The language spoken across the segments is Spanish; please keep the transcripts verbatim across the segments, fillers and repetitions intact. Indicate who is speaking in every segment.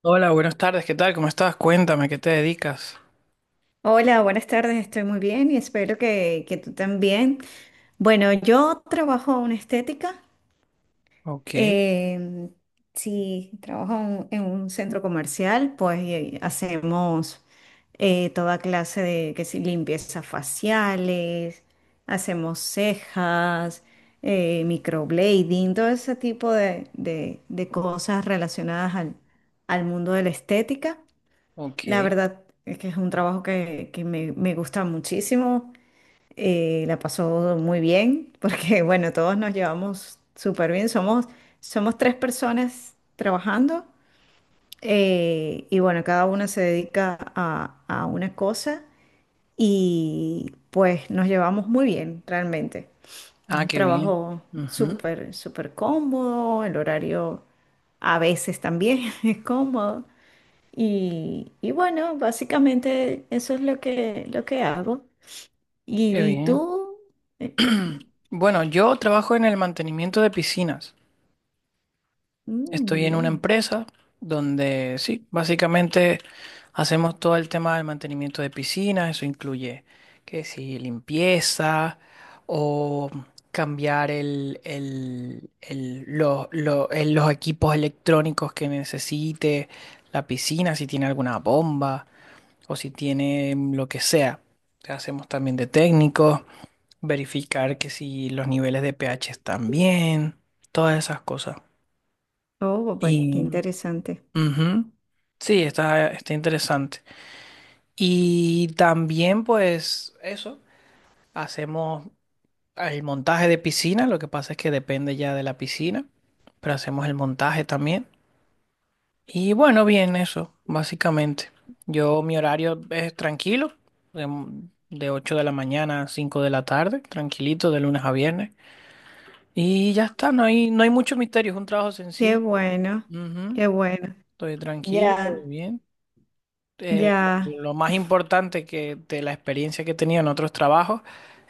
Speaker 1: Hola, buenas tardes, ¿qué tal? ¿Cómo estás? Cuéntame, ¿qué te dedicas?
Speaker 2: Hola, buenas tardes, estoy muy bien y espero que, que tú también. Bueno, yo trabajo en estética,
Speaker 1: Ok,
Speaker 2: em, sí, trabajo en, en un centro comercial, pues eh, hacemos eh, toda clase de que si limpieza faciales, hacemos cejas, eh, microblading, todo ese tipo de, de- de cosas relacionadas al, al mundo de la estética. La
Speaker 1: ok.
Speaker 2: verdad es que es un trabajo que, que me, me gusta muchísimo. eh, la pasó muy bien porque, bueno, todos nos llevamos súper bien. Somos, somos tres personas trabajando, eh, y, bueno, cada una se dedica a, a una cosa, y pues nos llevamos muy bien realmente.
Speaker 1: Ah,
Speaker 2: Un
Speaker 1: qué bien.
Speaker 2: trabajo
Speaker 1: Ujú.
Speaker 2: súper, súper cómodo, el horario a veces también es cómodo. Y, y bueno, básicamente eso es lo que, lo que hago. ¿Y,
Speaker 1: Qué
Speaker 2: y
Speaker 1: bien.
Speaker 2: tú? Eh,
Speaker 1: Bueno, yo trabajo en el mantenimiento de piscinas.
Speaker 2: mm,
Speaker 1: Estoy en una
Speaker 2: bien.
Speaker 1: empresa donde sí, básicamente hacemos todo el tema del mantenimiento de piscinas, eso incluye que si limpieza o cambiar el, el- el- lo- lo- el- los equipos electrónicos que necesite la piscina, si tiene alguna bomba o si tiene lo que sea. Hacemos también de técnicos, verificar que si los niveles de pH están bien, todas esas cosas.
Speaker 2: Oh, bueno, qué interesante.
Speaker 1: Ujú. Sí, está, está interesante. Y también, pues, eso, hacemos el montaje de piscina, lo que pasa es que depende ya de la piscina, pero hacemos el montaje también. Y bueno, bien, eso, básicamente. Yo, mi horario es tranquilo, de, de ocho de la mañana a cinco de la tarde, tranquilito, de lunes a viernes. Y ya está, no hay, no hay mucho misterio, es un trabajo
Speaker 2: Qué
Speaker 1: sencillo.
Speaker 2: bueno,
Speaker 1: Ujú.
Speaker 2: qué bueno.
Speaker 1: Estoy tranquilo,
Speaker 2: Ya,
Speaker 1: bien. eh,
Speaker 2: ya.
Speaker 1: lo más importante que de la experiencia que he tenido en otros trabajos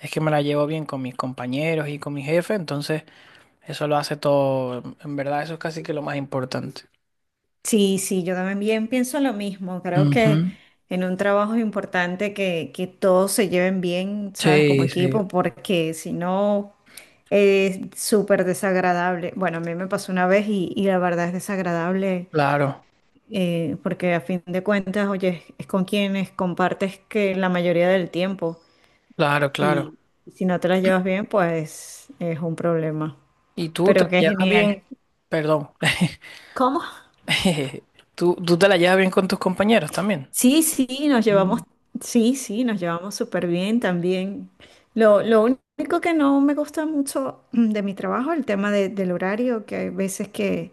Speaker 1: es que me la llevo bien con mis compañeros y con mi jefe, entonces eso lo hace todo, en verdad eso es casi que lo más importante.
Speaker 2: Sí, sí, yo también pienso lo mismo. Creo que
Speaker 1: Ujú.
Speaker 2: en un trabajo es importante que, que todos se lleven bien, ¿sabes? Como
Speaker 1: Sí, sí,
Speaker 2: equipo, porque si no, es súper desagradable. Bueno, a mí me pasó una vez y, y la verdad es desagradable,
Speaker 1: claro,
Speaker 2: eh, porque a fin de cuentas, oye, es con quienes compartes que la mayoría del tiempo,
Speaker 1: claro, claro.
Speaker 2: y si no te las llevas bien, pues es un problema.
Speaker 1: ¿Y tú te
Speaker 2: Pero
Speaker 1: la
Speaker 2: qué
Speaker 1: llevas
Speaker 2: genial.
Speaker 1: bien? Perdón.
Speaker 2: ¿Cómo?
Speaker 1: ¿Tú, tú te la llevas bien con tus compañeros también?
Speaker 2: Sí, sí, nos
Speaker 1: Mm.
Speaker 2: llevamos, sí, sí, nos llevamos súper bien también. Lo, lo único que no me gusta mucho, mm, de mi trabajo, el tema de- del horario, que hay veces que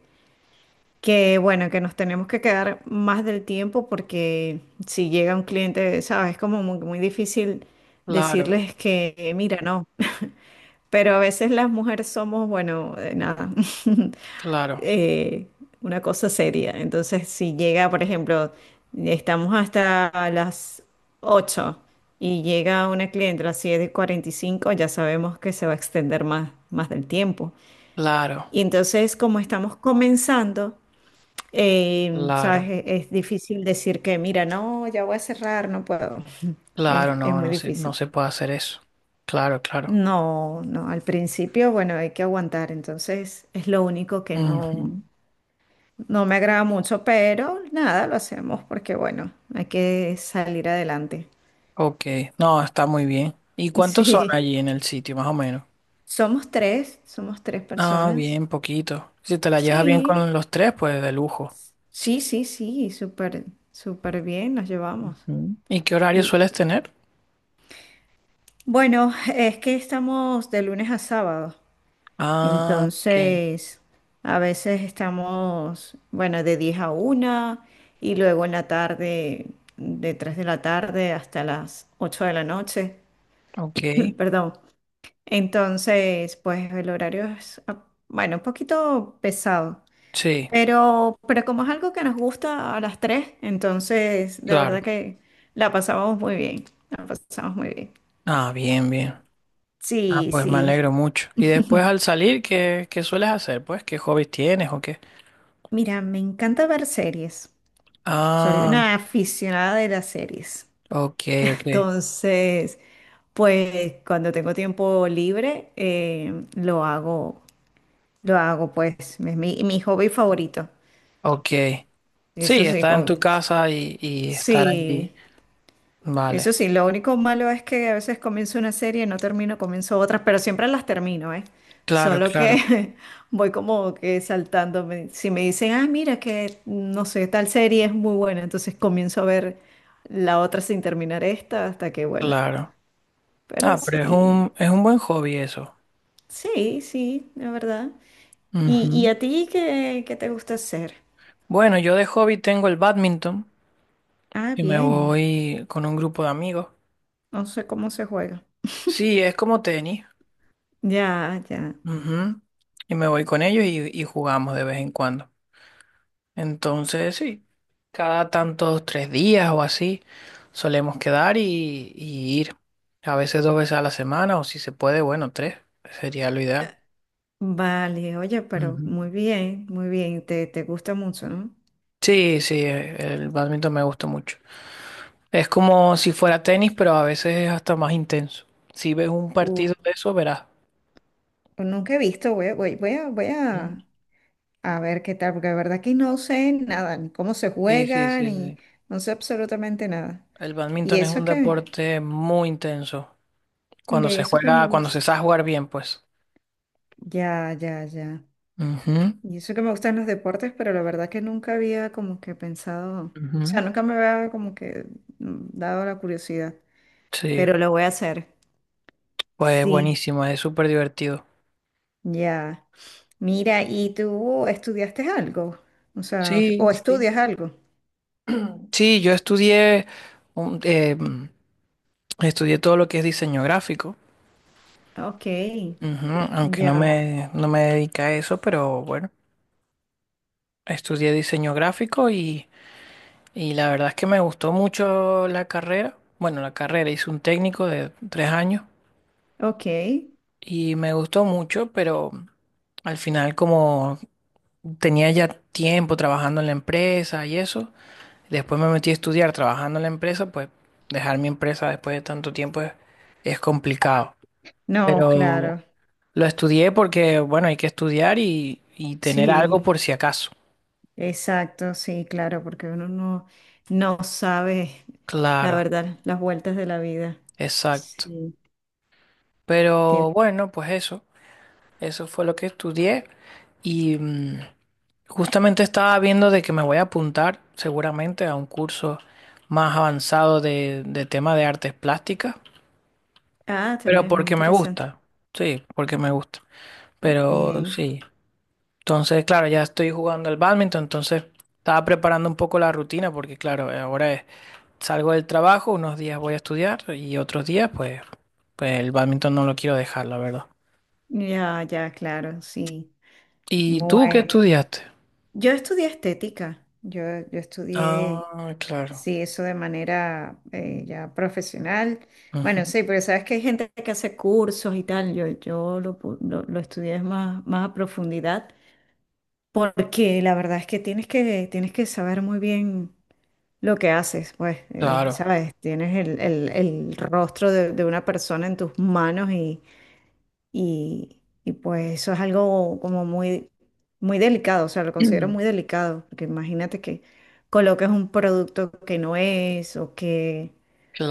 Speaker 2: Que bueno, que nos tenemos que quedar más del tiempo, porque si llega un cliente, sabes, es como muy, muy difícil
Speaker 1: Claro,
Speaker 2: decirles que, eh, mira, no. Pero a veces las mujeres somos, bueno, eh, nada,
Speaker 1: claro,
Speaker 2: eh, una cosa seria. Entonces, si llega, por ejemplo, estamos hasta las ocho y llega una cliente a las siete y cuarenta y cinco, ya sabemos que se va a extender más, más del tiempo.
Speaker 1: claro,
Speaker 2: Y entonces, como estamos comenzando, eh,
Speaker 1: claro,
Speaker 2: sabes, es, es difícil decir que, mira, no, ya voy a cerrar, no puedo. Es,
Speaker 1: claro,
Speaker 2: es
Speaker 1: no,
Speaker 2: muy
Speaker 1: no se, no
Speaker 2: difícil.
Speaker 1: se puede hacer eso. Claro, claro.
Speaker 2: No, no, al principio, bueno, hay que aguantar, entonces es lo único que no,
Speaker 1: Ujú.
Speaker 2: no me agrada mucho, pero nada, lo hacemos porque, bueno, hay que salir adelante.
Speaker 1: Ok, no, está muy bien. ¿Y cuántos son
Speaker 2: Sí,
Speaker 1: allí en el sitio, más o menos?
Speaker 2: somos tres, somos tres
Speaker 1: Ah,
Speaker 2: personas.
Speaker 1: bien, poquito. Si te la llevas bien
Speaker 2: Sí,
Speaker 1: con los tres, pues de lujo.
Speaker 2: sí, sí, sí, súper, súper bien nos llevamos.
Speaker 1: Ujú. ¿Y qué horario
Speaker 2: Y
Speaker 1: sueles tener?
Speaker 2: bueno, es que estamos de lunes a sábado.
Speaker 1: Ah, ok,
Speaker 2: Entonces, a veces estamos, bueno, de diez a una, y luego en la tarde, de tres de la tarde hasta las ocho de la noche.
Speaker 1: ok.
Speaker 2: Perdón. Entonces, pues el horario es, ah, bueno, un poquito pesado,
Speaker 1: Sí,
Speaker 2: pero, pero como es algo que nos gusta a las tres, entonces de
Speaker 1: claro.
Speaker 2: verdad que la pasamos muy bien, la pasamos muy bien.
Speaker 1: Ah, bien, bien. Ah,
Speaker 2: Sí,
Speaker 1: pues me
Speaker 2: sí.
Speaker 1: alegro mucho. ¿Y después al salir, qué, qué sueles hacer? Pues, ¿qué hobbies tienes o qué?
Speaker 2: Mira, me encanta ver series. Soy
Speaker 1: Ah,
Speaker 2: una aficionada de las series.
Speaker 1: ok, ok,
Speaker 2: Entonces, pues cuando tengo tiempo libre, eh, lo hago, lo hago, pues, es mi, mi hobby favorito.
Speaker 1: ok.
Speaker 2: Eso
Speaker 1: Sí,
Speaker 2: sí,
Speaker 1: estar en
Speaker 2: con-
Speaker 1: tu casa y, y estar
Speaker 2: sí,
Speaker 1: allí. Vale,
Speaker 2: Eso sí, lo único malo es que a veces comienzo una serie y no termino, comienzo otras, pero siempre las termino, ¿eh?
Speaker 1: claro,
Speaker 2: Solo
Speaker 1: claro,
Speaker 2: que voy como que saltándome. Si me dicen, ah, mira que, no sé, tal serie es muy buena, entonces comienzo a ver la otra sin terminar esta hasta que, bueno,
Speaker 1: claro.
Speaker 2: pero
Speaker 1: Ah, pero es
Speaker 2: sí,
Speaker 1: un, es un buen hobby eso.
Speaker 2: sí, sí, la verdad. ¿Y, y
Speaker 1: Ujú.
Speaker 2: a ti qué, qué te gusta hacer?
Speaker 1: Bueno, yo de hobby tengo el badminton
Speaker 2: Ah,
Speaker 1: y me
Speaker 2: bien,
Speaker 1: voy con un grupo de amigos.
Speaker 2: no sé cómo se juega.
Speaker 1: Sí, es como tenis.
Speaker 2: Ya, ya.
Speaker 1: Ujú. Y me voy con ellos y, y jugamos de vez en cuando. Entonces, sí, cada tantos tres días o así solemos quedar y, y ir. A veces dos veces a la semana o si se puede, bueno, tres. Sería lo ideal.
Speaker 2: Vale, oye, pero
Speaker 1: Ujú.
Speaker 2: muy bien, muy bien, te, te gusta mucho, ¿no?
Speaker 1: Sí, sí, el badminton me gusta mucho. Es como si fuera tenis, pero a veces es hasta más intenso. Si ves un
Speaker 2: Uh,
Speaker 1: partido de eso, verás.
Speaker 2: Nunca he visto, voy, a- voy, voy a, voy
Speaker 1: ¿Mm?
Speaker 2: a, a ver qué tal, porque de verdad que no sé nada, ni cómo se
Speaker 1: Sí, sí,
Speaker 2: juega,
Speaker 1: sí,
Speaker 2: ni
Speaker 1: sí.
Speaker 2: no sé absolutamente nada.
Speaker 1: El
Speaker 2: ¿Y
Speaker 1: bádminton es
Speaker 2: eso
Speaker 1: un
Speaker 2: que,
Speaker 1: deporte muy intenso. Cuando
Speaker 2: Mire,
Speaker 1: se
Speaker 2: eso que me
Speaker 1: juega, cuando se
Speaker 2: gusta.
Speaker 1: sabe jugar bien, pues.
Speaker 2: Ya, ya, ya.
Speaker 1: Ujú,
Speaker 2: Y eso que me gustan los deportes, pero la verdad que nunca había como que pensado, o
Speaker 1: ujú.
Speaker 2: sea, nunca me había como que, mm, dado la curiosidad,
Speaker 1: Sí,
Speaker 2: pero lo voy a hacer.
Speaker 1: pues
Speaker 2: Sí,
Speaker 1: buenísimo, es súper divertido.
Speaker 2: ya. Mira, ¿y tú estudiaste algo? O sea,
Speaker 1: Sí,
Speaker 2: ¿o
Speaker 1: sí.
Speaker 2: estudias algo?
Speaker 1: Sí, yo estudié, un- eh, estudié todo lo que es diseño gráfico.
Speaker 2: Ok,
Speaker 1: Ujú. Aunque no
Speaker 2: ya,
Speaker 1: me, no me dedica a eso, pero bueno, estudié diseño gráfico y Y la verdad es que me gustó mucho la carrera. Bueno, la carrera hice un técnico de tres años
Speaker 2: ok.
Speaker 1: y me gustó mucho, pero al final como tenía ya tiempo trabajando en la empresa y eso, después me metí a estudiar trabajando en la empresa, pues dejar mi empresa después de tanto tiempo es, es complicado.
Speaker 2: No,
Speaker 1: Pero
Speaker 2: claro,
Speaker 1: lo estudié porque, bueno, hay que estudiar y, y tener algo
Speaker 2: sí,
Speaker 1: por si acaso.
Speaker 2: exacto, sí, claro, porque uno no, no sabe, la
Speaker 1: Claro,
Speaker 2: verdad, las vueltas de la vida.
Speaker 1: exacto.
Speaker 2: Sí. tiene-
Speaker 1: Pero bueno, pues eso. Eso fue lo que estudié y mm, justamente estaba viendo de que me voy a apuntar seguramente a un curso más avanzado de, de tema de artes plásticas,
Speaker 2: Ah,
Speaker 1: pero
Speaker 2: también es muy
Speaker 1: porque me
Speaker 2: interesante.
Speaker 1: gusta, sí, porque me gusta, pero
Speaker 2: Bien,
Speaker 1: sí. Entonces, claro, ya estoy jugando al bádminton, entonces estaba preparando un poco la rutina porque, claro, ahora es- salgo del trabajo, unos días voy a estudiar y otros días, pues, pues el bádminton no lo quiero dejar, la verdad.
Speaker 2: ya, ya, claro, sí.
Speaker 1: ¿Y tú qué
Speaker 2: Bueno,
Speaker 1: estudiaste?
Speaker 2: yo estudié estética, yo, yo estudié.
Speaker 1: Ah, claro.
Speaker 2: Sí, eso de manera, eh, ya profesional.
Speaker 1: Ujú.
Speaker 2: Bueno, sí, porque sabes que hay gente que hace cursos y tal. Yo, yo lo, pu- lo, lo estudié más, más a profundidad, porque la verdad es que tienes que, tienes que saber muy bien lo que haces, pues, eh,
Speaker 1: Claro,
Speaker 2: ¿sabes? Tienes el, el- el rostro de, de una persona en tus manos, y y, y pues eso es algo como muy, muy delicado, o sea, lo considero muy delicado, porque imagínate que coloques un producto que no es, o que,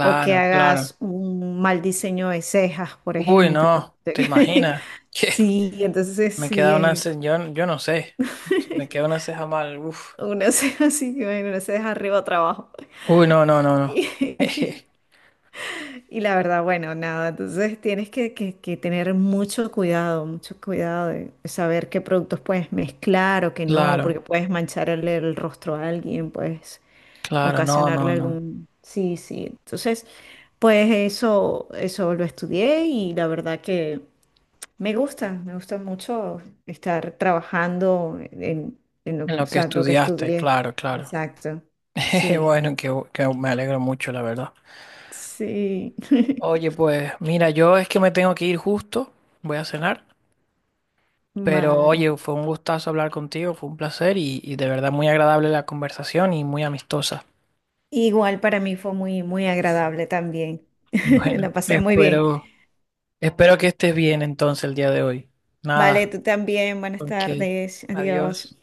Speaker 2: o que
Speaker 1: claro.
Speaker 2: hagas un mal diseño de cejas, por
Speaker 1: Uy,
Speaker 2: ejemplo.
Speaker 1: no, ¿te imaginas? Que
Speaker 2: Sí, entonces
Speaker 1: me
Speaker 2: sí,
Speaker 1: queda una
Speaker 2: eh,
Speaker 1: ceja, yo, yo no sé. Si me queda una ceja mal, uf.
Speaker 2: una ceja así, bueno, una ceja arriba, otra abajo.
Speaker 1: Uy, no, no, no, no. Jeje.
Speaker 2: Y la verdad, bueno, nada, entonces tienes que, que- que tener mucho cuidado, mucho cuidado de saber qué productos puedes mezclar o qué no, porque
Speaker 1: Claro,
Speaker 2: puedes mancharle el rostro a alguien, puedes
Speaker 1: claro, no,
Speaker 2: ocasionarle
Speaker 1: no, no.
Speaker 2: algún. Sí, sí, entonces, pues eso, eso lo estudié, y la verdad que me gusta, me gusta mucho estar trabajando en, en lo,
Speaker 1: En
Speaker 2: o
Speaker 1: lo que
Speaker 2: sea, lo que
Speaker 1: estudiaste,
Speaker 2: estudié.
Speaker 1: claro, claro.
Speaker 2: Exacto,
Speaker 1: Jeje.
Speaker 2: sí,
Speaker 1: Bueno, que, que me alegro mucho, la verdad.
Speaker 2: sí.
Speaker 1: Oye, pues mira, yo es que me tengo que ir justo, voy a cenar, pero
Speaker 2: Vale.
Speaker 1: oye, fue un gustazo hablar contigo, fue un placer y, y de verdad muy agradable la conversación y muy amistosa.
Speaker 2: Igual para mí fue muy, muy agradable también.
Speaker 1: Bueno,
Speaker 2: La pasé muy bien.
Speaker 1: espero, espero que estés bien entonces el día de hoy.
Speaker 2: Vale,
Speaker 1: Nada,
Speaker 2: tú también. Buenas
Speaker 1: ok,
Speaker 2: tardes. Adiós.
Speaker 1: adiós.